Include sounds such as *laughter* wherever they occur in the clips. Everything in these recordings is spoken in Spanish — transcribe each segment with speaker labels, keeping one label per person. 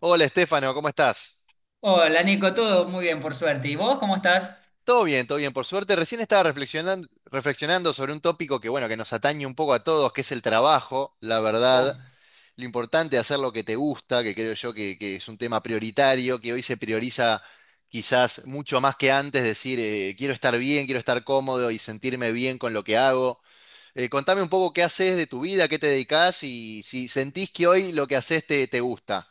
Speaker 1: Hola Estefano, ¿cómo estás?
Speaker 2: Hola Nico, todo muy bien por suerte. ¿Y vos cómo estás?
Speaker 1: Todo bien, por suerte. Recién estaba reflexionando, reflexionando sobre un tópico que, bueno, que nos atañe un poco a todos, que es el trabajo, la verdad.
Speaker 2: Oh.
Speaker 1: Lo importante es hacer lo que te gusta, que creo yo que es un tema prioritario, que hoy se prioriza quizás mucho más que antes, decir, quiero estar bien, quiero estar cómodo y sentirme bien con lo que hago. Contame un poco qué haces de tu vida, qué te dedicas y si sentís que hoy lo que haces te, te gusta.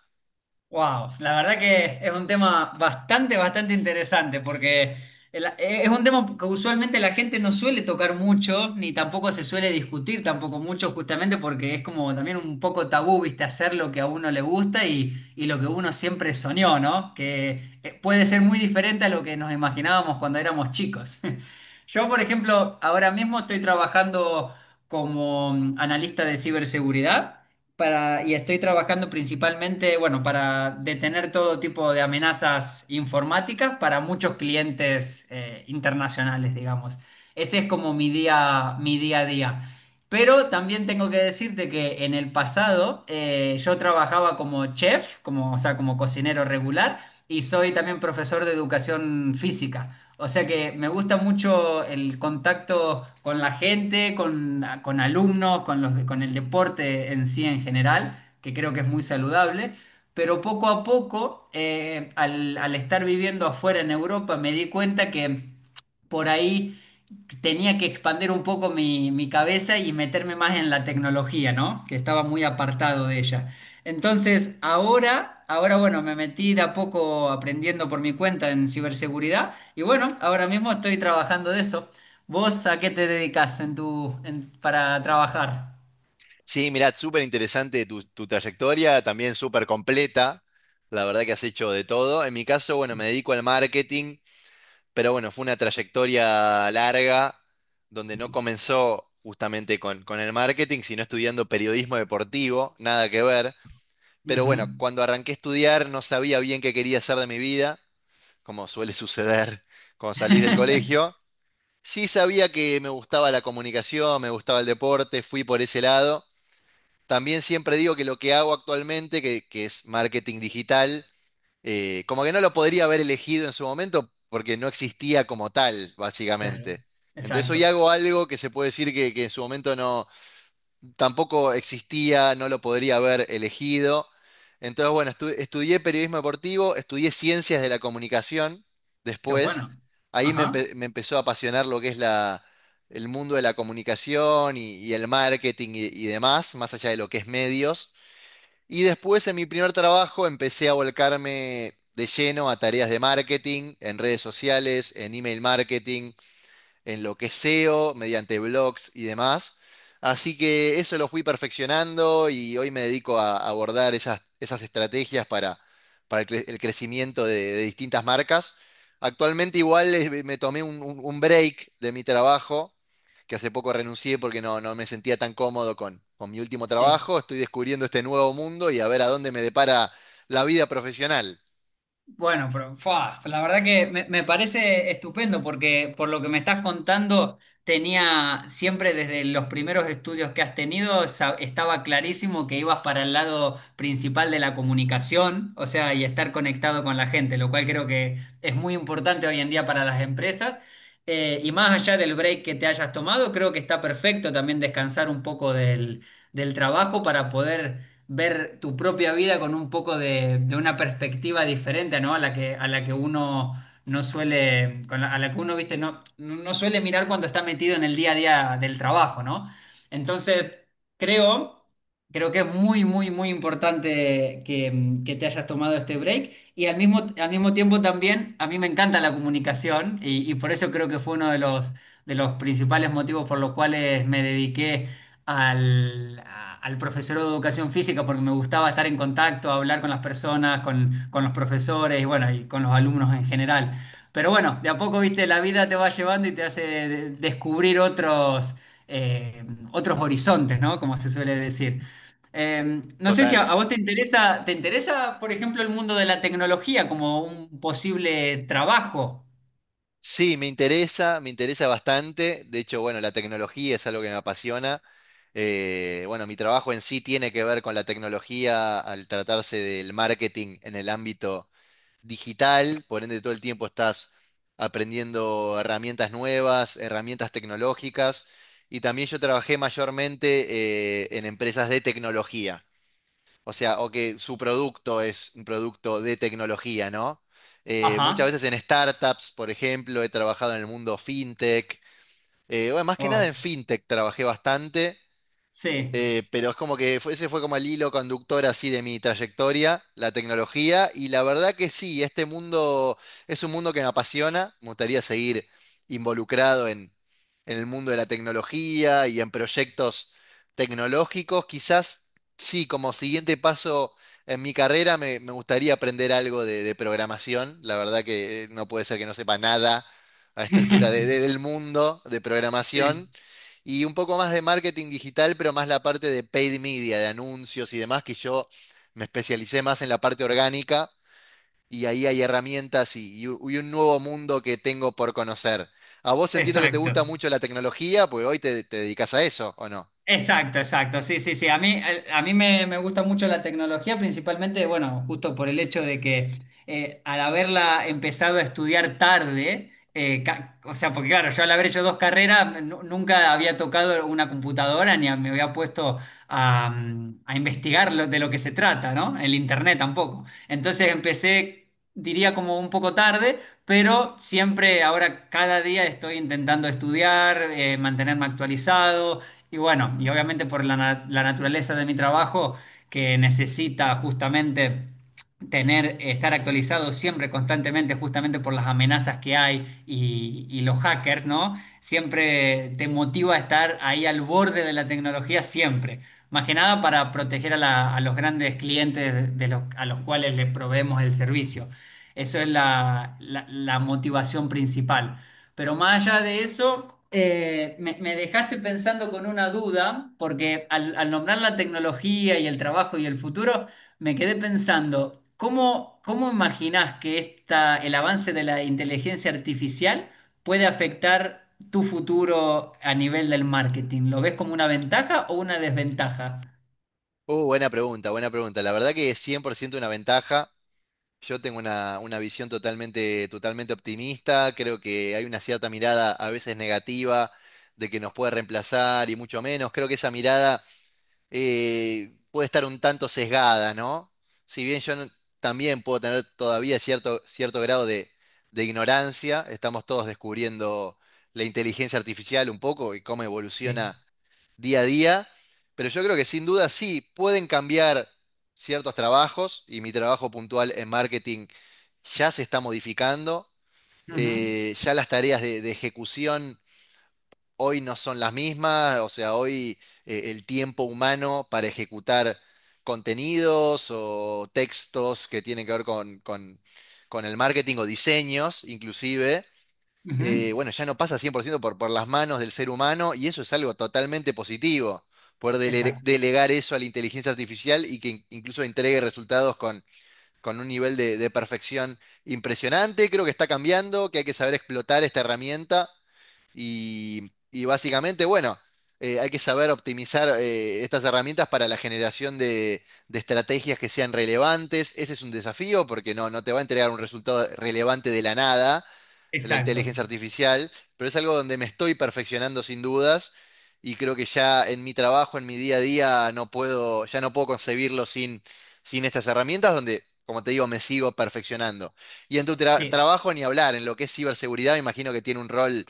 Speaker 2: Wow, la verdad que es un tema bastante, bastante interesante porque es un tema que usualmente la gente no suele tocar mucho, ni tampoco se suele discutir tampoco mucho, justamente porque es como también un poco tabú, viste, hacer lo que a uno le gusta y lo que uno siempre soñó, ¿no? Que puede ser muy diferente a lo que nos imaginábamos cuando éramos chicos. *laughs* Yo, por ejemplo, ahora mismo estoy trabajando como analista de ciberseguridad y estoy trabajando principalmente, bueno, para detener todo tipo de amenazas informáticas para muchos clientes internacionales, digamos. Ese es como mi día a día. Pero también tengo que decirte que en el pasado yo trabajaba como chef, como, o sea, como cocinero regular, y soy también profesor de educación física. O sea que me gusta mucho el contacto con la gente, con alumnos, con los, con el deporte en sí en general, que creo que es muy saludable. Pero poco a poco, al estar viviendo afuera en Europa, me di cuenta que por ahí tenía que expandir un poco mi cabeza y meterme más en la tecnología, ¿no? Que estaba muy apartado de ella. Entonces, ahora bueno, me metí de a poco aprendiendo por mi cuenta en ciberseguridad y bueno, ahora mismo estoy trabajando de eso. ¿Vos a qué te dedicas en para trabajar?
Speaker 1: Sí, mirá, súper interesante tu, tu trayectoria, también súper completa. La verdad que has hecho de todo. En mi caso, bueno, me dedico al marketing, pero bueno, fue una trayectoria larga donde no comenzó justamente con el marketing, sino estudiando periodismo deportivo, nada que ver. Pero
Speaker 2: Ujú.
Speaker 1: bueno, cuando arranqué a estudiar no sabía bien qué quería hacer de mi vida, como suele *laughs* suceder cuando salís del
Speaker 2: *laughs*
Speaker 1: colegio. Sí sabía que me gustaba la comunicación, me gustaba el deporte, fui por ese lado. También siempre digo que lo que hago actualmente, que es marketing digital, como que no lo podría haber elegido en su momento porque no existía como tal,
Speaker 2: Claro,
Speaker 1: básicamente. Entonces hoy
Speaker 2: exacto.
Speaker 1: hago algo que se puede decir que en su momento no, tampoco existía, no lo podría haber elegido. Entonces, bueno, estudié periodismo deportivo, estudié ciencias de la comunicación
Speaker 2: Qué
Speaker 1: después.
Speaker 2: bueno.
Speaker 1: Ahí me,
Speaker 2: Ajá,
Speaker 1: me empezó a apasionar lo que es la, el mundo de la comunicación y el marketing y demás, más allá de lo que es medios. Y después, en mi primer trabajo, empecé a volcarme de lleno a tareas de marketing, en redes sociales, en email marketing, en lo que es SEO, mediante blogs y demás. Así que eso lo fui perfeccionando y hoy me dedico a abordar esas, esas estrategias para el, el crecimiento de distintas marcas. Actualmente igual me tomé un, un break de mi trabajo, que hace poco renuncié porque no, no me sentía tan cómodo con mi último
Speaker 2: sí.
Speaker 1: trabajo. Estoy descubriendo este nuevo mundo y a ver a dónde me depara la vida profesional.
Speaker 2: Bueno, pero fa, la verdad que me parece estupendo porque por lo que me estás contando, tenía siempre desde los primeros estudios que has tenido, sa- estaba clarísimo que ibas para el lado principal de la comunicación, o sea, y estar conectado con la gente, lo cual creo que es muy importante hoy en día para las empresas. Y más allá del break que te hayas tomado, creo que está perfecto también descansar un poco del trabajo para poder ver tu propia vida con un poco de una perspectiva diferente, ¿no? A la que uno no suele, con la- a la que uno, viste, no, no suele mirar cuando está metido en el día a día del trabajo, ¿no? Entonces, creo, creo que es muy, muy, muy importante que, que te hayas tomado este break y al mismo tiempo también, a mí me encanta la comunicación y por eso creo que fue uno de los principales motivos por los cuales me dediqué al profesor de educación física porque me gustaba estar en contacto, hablar con las personas, con los profesores y bueno, y con los alumnos en general. Pero bueno, de a poco, viste, la vida te va llevando y te hace de- descubrir otros, eh, otros horizontes, ¿no? Como se suele decir. No sé si
Speaker 1: Total.
Speaker 2: a vos ¿te interesa, por ejemplo, el mundo de la tecnología como un posible trabajo?
Speaker 1: Sí, me interesa bastante. De hecho, bueno, la tecnología es algo que me apasiona. Bueno, mi trabajo en sí tiene que ver con la tecnología al tratarse del marketing en el ámbito digital. Por ende, todo el tiempo estás aprendiendo herramientas nuevas, herramientas tecnológicas. Y también yo trabajé mayormente en empresas de tecnología. O sea, o que su producto es un producto de tecnología, ¿no? Muchas
Speaker 2: Ajá.
Speaker 1: veces en startups, por ejemplo, he trabajado en el mundo fintech. Bueno, más que nada
Speaker 2: Wow.
Speaker 1: en fintech trabajé bastante.
Speaker 2: Sí,
Speaker 1: Pero es como que ese fue como el hilo conductor así de mi trayectoria, la tecnología, y la verdad que sí, este mundo es un mundo que me apasiona, me gustaría seguir involucrado en el mundo de la tecnología y en proyectos tecnológicos. Quizás sí, como siguiente paso en mi carrera me, me gustaría aprender algo de programación, la verdad que no puede ser que no sepa nada a esta altura del mundo de
Speaker 2: sí,
Speaker 1: programación. Y un poco más de marketing digital, pero más la parte de paid media, de anuncios y demás, que yo me especialicé más en la parte orgánica y ahí hay herramientas y, y un nuevo mundo que tengo por conocer. A vos entiendo que te gusta
Speaker 2: exacto.
Speaker 1: mucho la tecnología, pues hoy te, te dedicas a eso, ¿o no?
Speaker 2: Exacto, exacto. Sí, sí, sí. A mí me gusta mucho la tecnología, principalmente, bueno, justo por el hecho de que al haberla empezado a estudiar tarde, ca- o sea, porque claro, yo al haber hecho dos carreras, nu- nunca había tocado una computadora ni a- me había puesto a, a investigar lo- de lo que se trata, ¿no? El internet tampoco. Entonces empecé, diría como un poco tarde, pero siempre ahora cada día estoy intentando estudiar, mantenerme actualizado y bueno, y obviamente por la, na- la naturaleza de mi trabajo, que necesita justamente tener, estar actualizado siempre, constantemente, justamente por las amenazas que hay y los hackers, ¿no? Siempre te motiva a estar ahí al borde de la tecnología, siempre. Más que nada para proteger a, la- a los grandes clientes de los, a los cuales le proveemos el servicio. Eso es la la- la motivación principal. Pero más allá de eso, me dejaste pensando con una duda, porque al nombrar la tecnología y el trabajo y el futuro, me quedé pensando, ¿cómo, cómo imaginás que esta, el avance de la inteligencia artificial puede afectar tu futuro a nivel del marketing? ¿Lo ves como una ventaja o una desventaja?
Speaker 1: Buena pregunta, buena pregunta. La verdad que es 100% una ventaja. Yo tengo una visión totalmente, totalmente optimista. Creo que hay una cierta mirada a veces negativa de que nos puede reemplazar y mucho menos. Creo que esa mirada puede estar un tanto sesgada, ¿no? Si bien yo no- también puedo tener todavía cierto, cierto grado de ignorancia, estamos todos descubriendo la inteligencia artificial un poco y cómo
Speaker 2: Sí.
Speaker 1: evoluciona día a día, pero yo creo que sin duda sí pueden cambiar ciertos trabajos y mi trabajo puntual en marketing ya se está modificando,
Speaker 2: Ujú,
Speaker 1: ya las tareas de ejecución hoy no son las mismas, o sea, hoy el tiempo humano para ejecutar contenidos o textos que tienen que ver con, con el marketing o diseños, inclusive,
Speaker 2: ujú.
Speaker 1: bueno, ya no pasa 100% por, ciento por las manos del ser humano y eso es algo totalmente positivo, poder
Speaker 2: Exacto,
Speaker 1: delegar eso a la inteligencia artificial y que incluso entregue resultados con un nivel de perfección impresionante. Creo que está cambiando, que hay que saber explotar esta herramienta. Y básicamente, bueno, hay que saber optimizar estas herramientas para la generación de estrategias que sean relevantes. Ese es un desafío porque no, no te va a entregar un resultado relevante de la nada, la
Speaker 2: exacto.
Speaker 1: inteligencia artificial, pero es algo donde me estoy perfeccionando sin dudas y creo que ya en mi trabajo, en mi día a día, no puedo, ya no puedo concebirlo sin, sin estas herramientas donde, como te digo, me sigo perfeccionando. Y en tu
Speaker 2: Sí.
Speaker 1: trabajo ni hablar, en lo que es ciberseguridad, me imagino que tiene un rol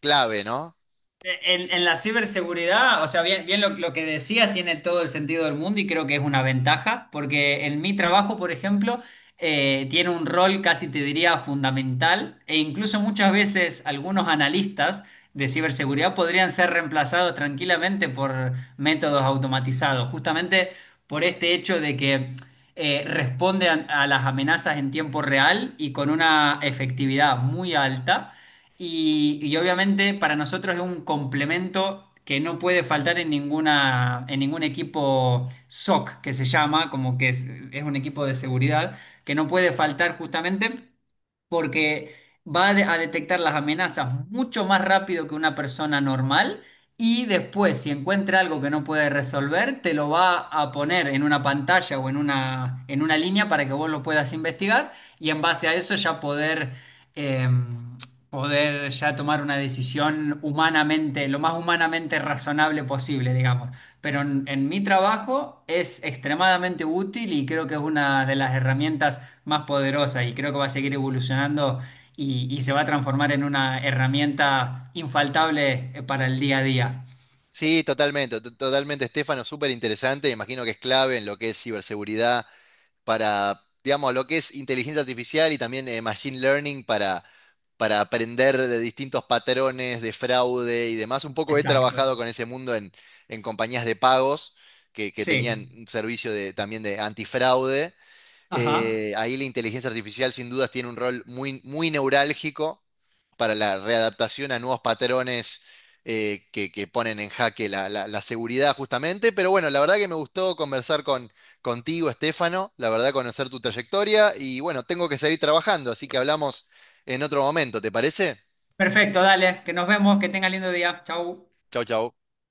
Speaker 1: clave, ¿no?
Speaker 2: En la ciberseguridad, o sea, bien, bien lo que decías tiene todo el sentido del mundo y creo que es una ventaja, porque en mi trabajo, por ejemplo, tiene un rol casi te diría fundamental e incluso muchas veces algunos analistas de ciberseguridad podrían ser reemplazados tranquilamente por métodos automatizados, justamente por este hecho de que responde a las amenazas en tiempo real y con una efectividad muy alta. Y obviamente para nosotros es un complemento que no puede faltar en ninguna, en ningún equipo SOC, que se llama, como que es un equipo de seguridad, que no puede faltar justamente porque a detectar las amenazas mucho más rápido que una persona normal y después, si encuentra algo que no puede resolver, te lo va a poner en una pantalla o en una línea para que vos lo puedas investigar y en base a eso ya poder eh, poder ya tomar una decisión humanamente, lo más humanamente razonable posible, digamos. Pero en mi trabajo es extremadamente útil y creo que es una de las herramientas más poderosas y creo que va a seguir evolucionando y se va a transformar en una herramienta infaltable para el día a día.
Speaker 1: Sí, totalmente, totalmente, Estefano, súper interesante, me imagino que es clave en lo que es ciberseguridad para, digamos, lo que es inteligencia artificial y también machine learning para aprender de distintos patrones de fraude y demás. Un poco he
Speaker 2: Exacto.
Speaker 1: trabajado con ese mundo en compañías de pagos que
Speaker 2: Sí.
Speaker 1: tenían un servicio de, también de antifraude
Speaker 2: Ajá.
Speaker 1: ahí la inteligencia artificial sin dudas tiene un rol muy, muy neurálgico para la readaptación a nuevos patrones que ponen en jaque la, la seguridad justamente. Pero bueno, la verdad que me gustó conversar con, contigo, Estefano, la verdad conocer tu trayectoria y bueno, tengo que seguir trabajando, así que hablamos en otro momento, ¿te parece?
Speaker 2: Perfecto, dale, que nos vemos, que tenga lindo día. Chau.
Speaker 1: Chau, chau.